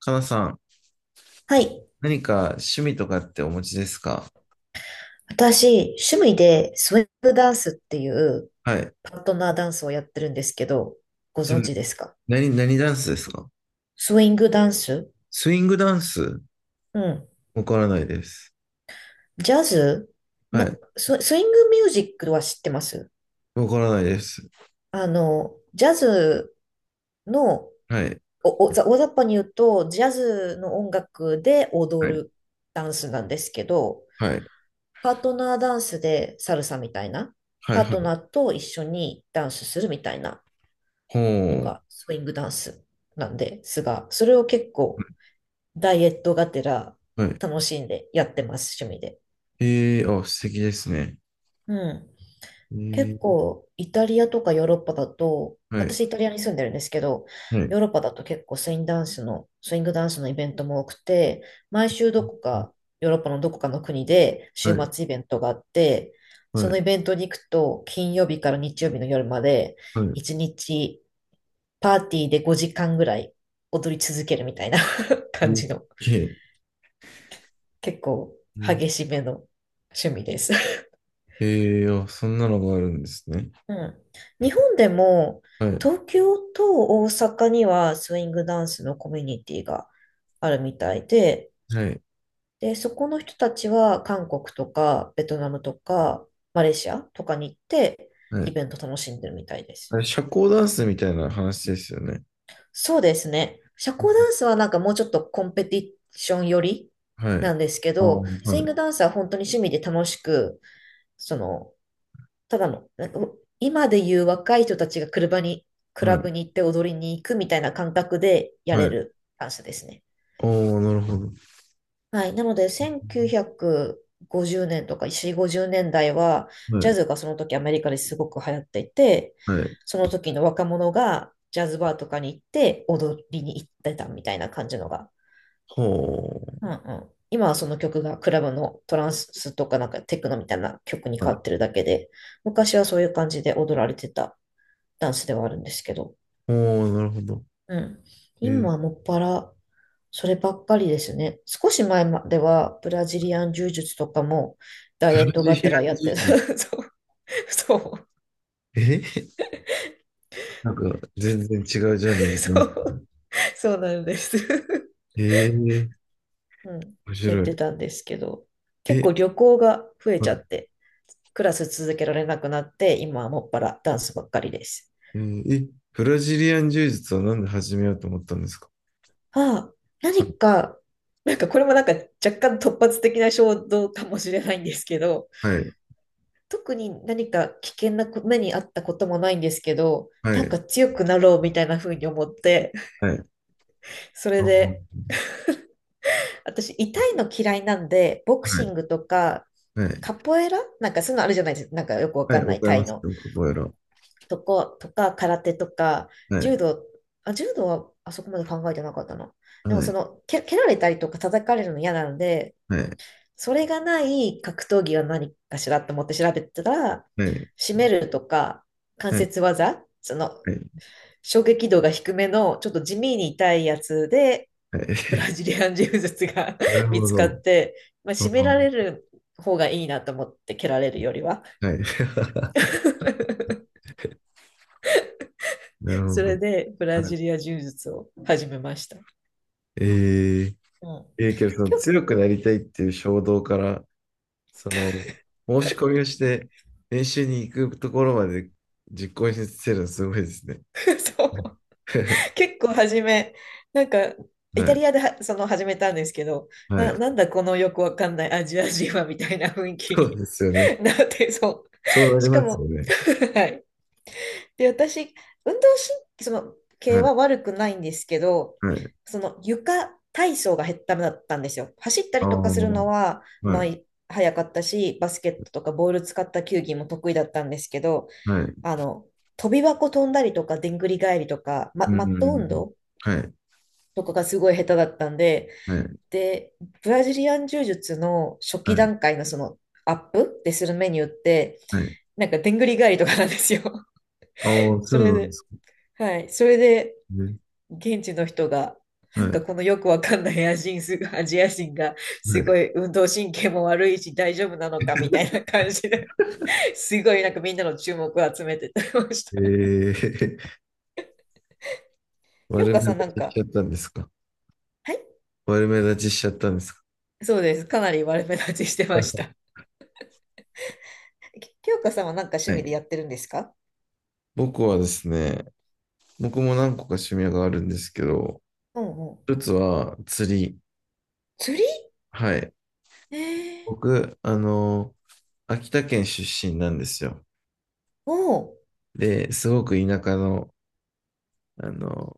かなさん、はい。何か趣味とかってお持ちですか？私、趣味でスウェーブダンスっていうはい。パートナーダンスをやってるんですけど、ごで存も、知ですか？何ダンスですか？スウィングダンス。スイングダンス。うん。わからないです。ジャズはな、い。スイングミュージックは知ってます。わからないです。ジャズの、はい。お、お、ざ大雑把に言うと、ジャズの音楽では踊い。るダンスなんですけど、はい。パートナーダンスでサルサみたいな、はパい。ーはトナい。ーと一緒にダンスするみたいな、ほのう。がスイングダンスなんですが、それを結構ダイエットがてらはい。楽しんでやってます、趣味で。ええー、あ、素敵ですね。うん。え結ー、構イタリアとかヨーロッパだと、はい。私イタリアに住んでるんですけど、はヨい。ーロッパだと結構スイングダンスの、スイングダンスのイベントも多くて、毎週どこか、ヨーロッパのどこかの国では週い。末イベントがあって、そはのイい。ベントに行くと、金曜日から日曜日の夜まで、はい。一日パーティーで5時間ぐらい踊り続けるみたいな え感じー、の、結構えー、激しめの趣味です。あ、そんなのがあるんですね。うん。日本でも、はい。東京と大阪にはスイングダンスのコミュニティがあるみたいで、はい。で、そこの人たちは韓国とかベトナムとかマレーシアとかに行ってはイい。ベント楽しんでるみたいであす。れ、社交ダンスみたいな話ですよね。そうですね。社交ダンスはなんかもうちょっとコンペティション寄りはない。んですけああ、ど、スはインい。グダンスは本当に趣味で楽しく、その、ただの、なんか今でいう若い人たちが車に、クはラブい。に行って踊りに行くみたいな感覚でやはれい。るダンスですね。おあ、なるほど。はい。なので、1950年とか4、50年代は、はジャい。ズがその時アメリカですごく流行っていて、はい。その時の若者がジャズバーとかに行って踊りに行ってたみたいな感じのが、ほうんうん。今はその曲がクラブのトランスとかなんかテクノみたいな曲にう。は変い。わってるだけで、昔はそういう感じで踊られてたダンスではあるんですけど、おう、なるほど。うん。え今ー、はもっぱらそればっかりですね。少し前まではブラジリアン柔術とかもダクイエラットがあっシたらアンやっジューてた。ズ。そう、そう、えーなんか、全然違うジャンルだそな。う、そうなんです。えー、うん。面やっ白てい。たんですけど、結え、構旅行が増えちゃっはて、クラス続けられなくなって、今はもっぱらダンスばっかりです。い。えーえブラジリアン柔術はなんで始めようと思ったんですか？ああ、何か、なんかこれもなんか若干突発的な衝動かもしれないんですけど、はい。特に何か危険な目にあったこともないんですけど、はなんい。か強くなろうみたいな風に思って、はい。そあれはで、い。私痛いの嫌いなんで、ボクシングとか、はい。カポエラなんかそういうのあるじゃないですか。なんかよくわはかい。んなわいかりタまイすのよ、カポエラ。とか、空手とか、はい。柔道、あ、柔道はあそこまで考えてなかったな。はでもそい。の、蹴られたりとか叩かれるの嫌なので、はい。それがない格闘技は何かしらと思って調べてたら、はい。締めるとか、関はい。節技、その、はい。衝撃度が低めの、ちょっと地味に痛いやつで、はブラい ジ リアン柔術が なる 見ほつかっど。て、まあ、ああ、締められる方がいいなと思って、蹴られるよりは。はい。なるほそれど。でブラはジリい。ア柔術を始めました。えー、うん、えー、けどそ の結強くなりたいっていう衝動から、その、申し込みをして、練習に行くところまで実行に移せるのすごいですね。構そう 結構初め、なんかイはタい。リアではその始めたんですけど、はい。なんだこのよくわかんないアジア人はみたいな雰囲気そうに ですよね。なってそう。そうなりしかますも よね。はい。で、私、運動神そのは系い。は悪くないんですけど、はい。その床体操がダメだったんですよ。走ったありあ、とかするはのい。は、まあ、早かったし、バスケットとかボール使った球技も得意だったんですけど、はい。あの、飛び箱飛んだりとか、でんぐり返りとか、うマット運ん。動はい。とかがすごい下手だったんで、はい。で、ブラジリアン柔術の初期はい。段階のそのアップでするメニューって、はい。なんかでんぐり返りとかなんですよ。ああ、そそうれなんでで、すはい。それで、ね。現地の人が、なはい。んかはこのよくわかんないアジア 人が、すごい。い運動神経も悪いし大丈夫なのかみたいな感じで、すごいなんかみんなの注目を集めてたりました。ええー、京丸香めさんなん出ししか、ちゃったんですか？は、悪目立ちしちゃったんですか？そうです。かなり悪目立ちしてました。清香さんは何か趣は味でい。やってるんですか？僕はですね、僕も何個か趣味があるんですけど、うんうん。一つは釣り。釣り。はい。ええ。僕、あの、秋田県出身なんですよ。おー。で、すごく田舎の、あの、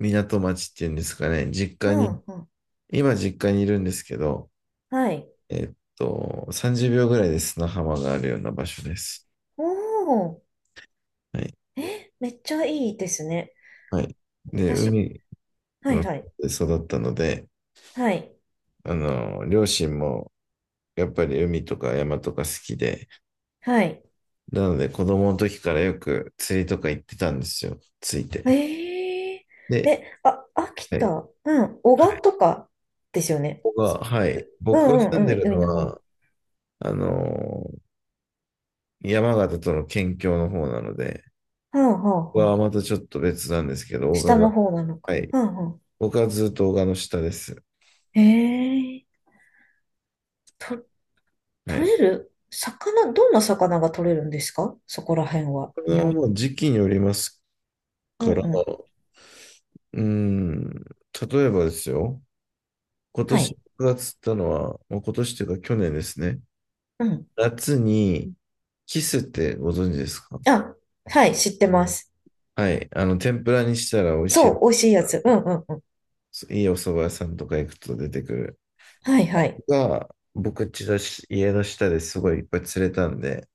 港町っていうんですかね、実う家に、んうん。今実家にいるんですけど、はい。30秒ぐらいで砂浜があるような場所です。おー。はい。え、めっちゃいいですね。はい。で、私、海はのい近はい。くで育ったので、はい。両親も、やっぱり海とか山とか好きで、はい。なので子供の時からよく釣りとか行ってたんですよ、ついて。ええで、え、あ、秋は田、い、うん、男鹿とかですよね？ここが、はい、う僕がん住うんんうでん、るの海の方。はは、あのー山形との県境の方なので、あはここあははあ。またちょっと別なんですけど、大賀下のが、方なのか。はい、うんう僕はずっと大賀の下です。ん。ええと、は取い。れる魚、どんな魚が取れるんですか？そこら辺は。これ日はも本。う時期によりますうんから、うん。うーん、例えばですよ、今は年い。僕が釣ったのは、もう今年というか去年ですね、うん。夏に、キスってご存知ですか？あ、はい、知ってます。はい。天ぷらにしたら美味そしう、美味しいやつ。うんうんうん。い。いいお蕎麦屋さんとか行くと出てくる。はいはい。が、僕家の下ですごいいっぱい釣れたんで、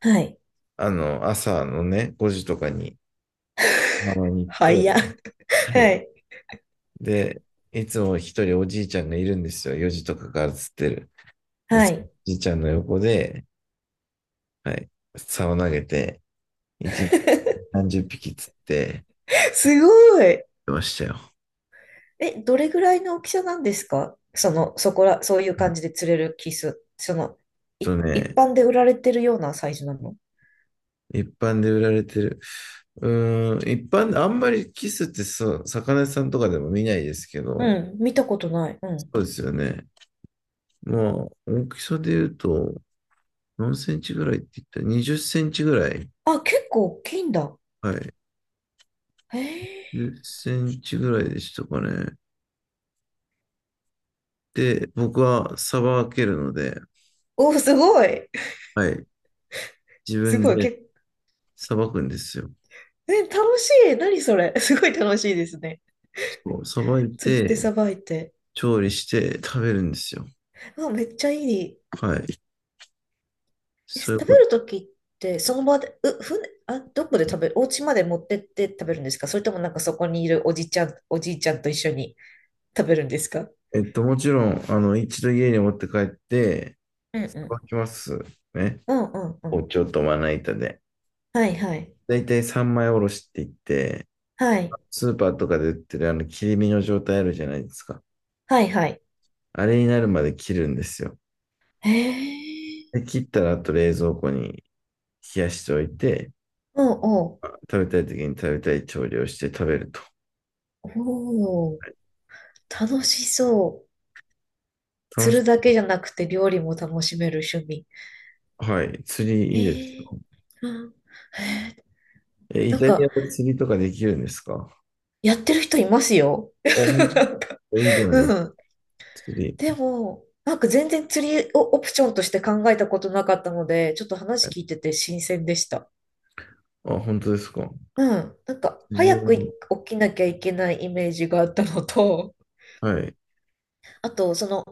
はい。朝のね、5時とかに、浜に行っはて、いや。ははい。い。で、いつも一人おじいちゃんがいるんですよ。4時とかから釣ってる。で、はそのおい。じいちゃんの横で、はい、竿を投げて、1日 30匹釣ってすごい。ましたよ。はい。え、どれぐらいの大きさなんですか？その、そこら、そういう感じで釣れるキス。その、あと一ね、般で売られてるようなサイズなの？一般で売られてる。う一般、あんまりキスってそう、魚屋さんとかでも見ないですけど、うん、見たことない。うそん。うですよね。まあ、大きさで言うと、何センチぐらいって言ったら、20センチぐらい。あ、結構大きいんだ。はい。へえ。10センチぐらいでしたかね。で、僕はさばけるので、お、すごい。はい。自 す分ごい。でさばくんですよ。え、楽しい。何それ。すごい楽しいですね。そう、さばい釣ってて、さばいて。調理して食べるんですよ。あ、めっちゃいい。はい。え、そうい食うべこと。るときって、その場で、船、あ、どこで食べる、お家まで持ってって食べるんですか？それともなんかそこにいるおじちゃん、おじいちゃんと一緒に食べるんですか？もちろん、一度家に持って帰って、うんさうばん。きますね。うんうんう包ん。丁とまな板で。はいはい。だいたい三枚おろしって言って、はい。スーパーとかで売ってるあの切り身の状態あるじゃないですか。はいはい。あれになるまで切るんですよ。へえ。で、切ったらあと冷蔵庫に冷やしておいて、うんうん。食べたい時に食べたい調理をして食べると。おお、楽しそう。楽釣しい。るだけじゃなくて料理も楽しめる趣味。はい。釣りいいですへえ。よ。うん。へえ。え、イなんタリか、アで釣りとかできるんですか？やってる人いますよ。あ、ほん と、いいじゃないですうか。ん。釣でり。も、なんか全然釣りをオプションとして考えたことなかったので、ちょっと話はい。聞いてて新鮮でした。あ、本当ですか。うん。なんか、釣り早く起を、きなきゃいけないイメージがあったのと、はい、あと、その、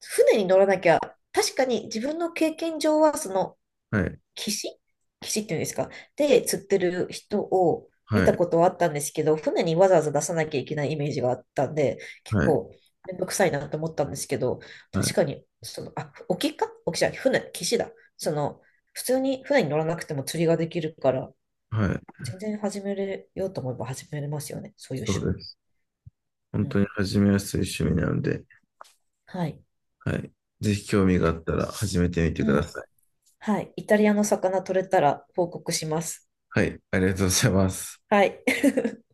船に乗らなきゃ、確かに自分の経験上は、その、はい、岸岸っていうんですか？で、釣ってる人を見はたい、ことはあったんですけど、船にわざわざ出さなきゃいけないイメージがあったんで、結はい、構めんどくさいなと思ったんですけど、は確い、かに、その、あ、沖じゃない、船、岸だ。その、普通に船に乗らなくても釣りができるから、はい。全然始めれようと思えば始めれますよね、そういうそ趣う味。です。本う当ん。に始めやすい趣味なので、はい。はい。ぜひ興味があったら始めてみてくうだん。さい。はい。イタリアの魚取れたら報告します。はい。ありがとうございます。はい。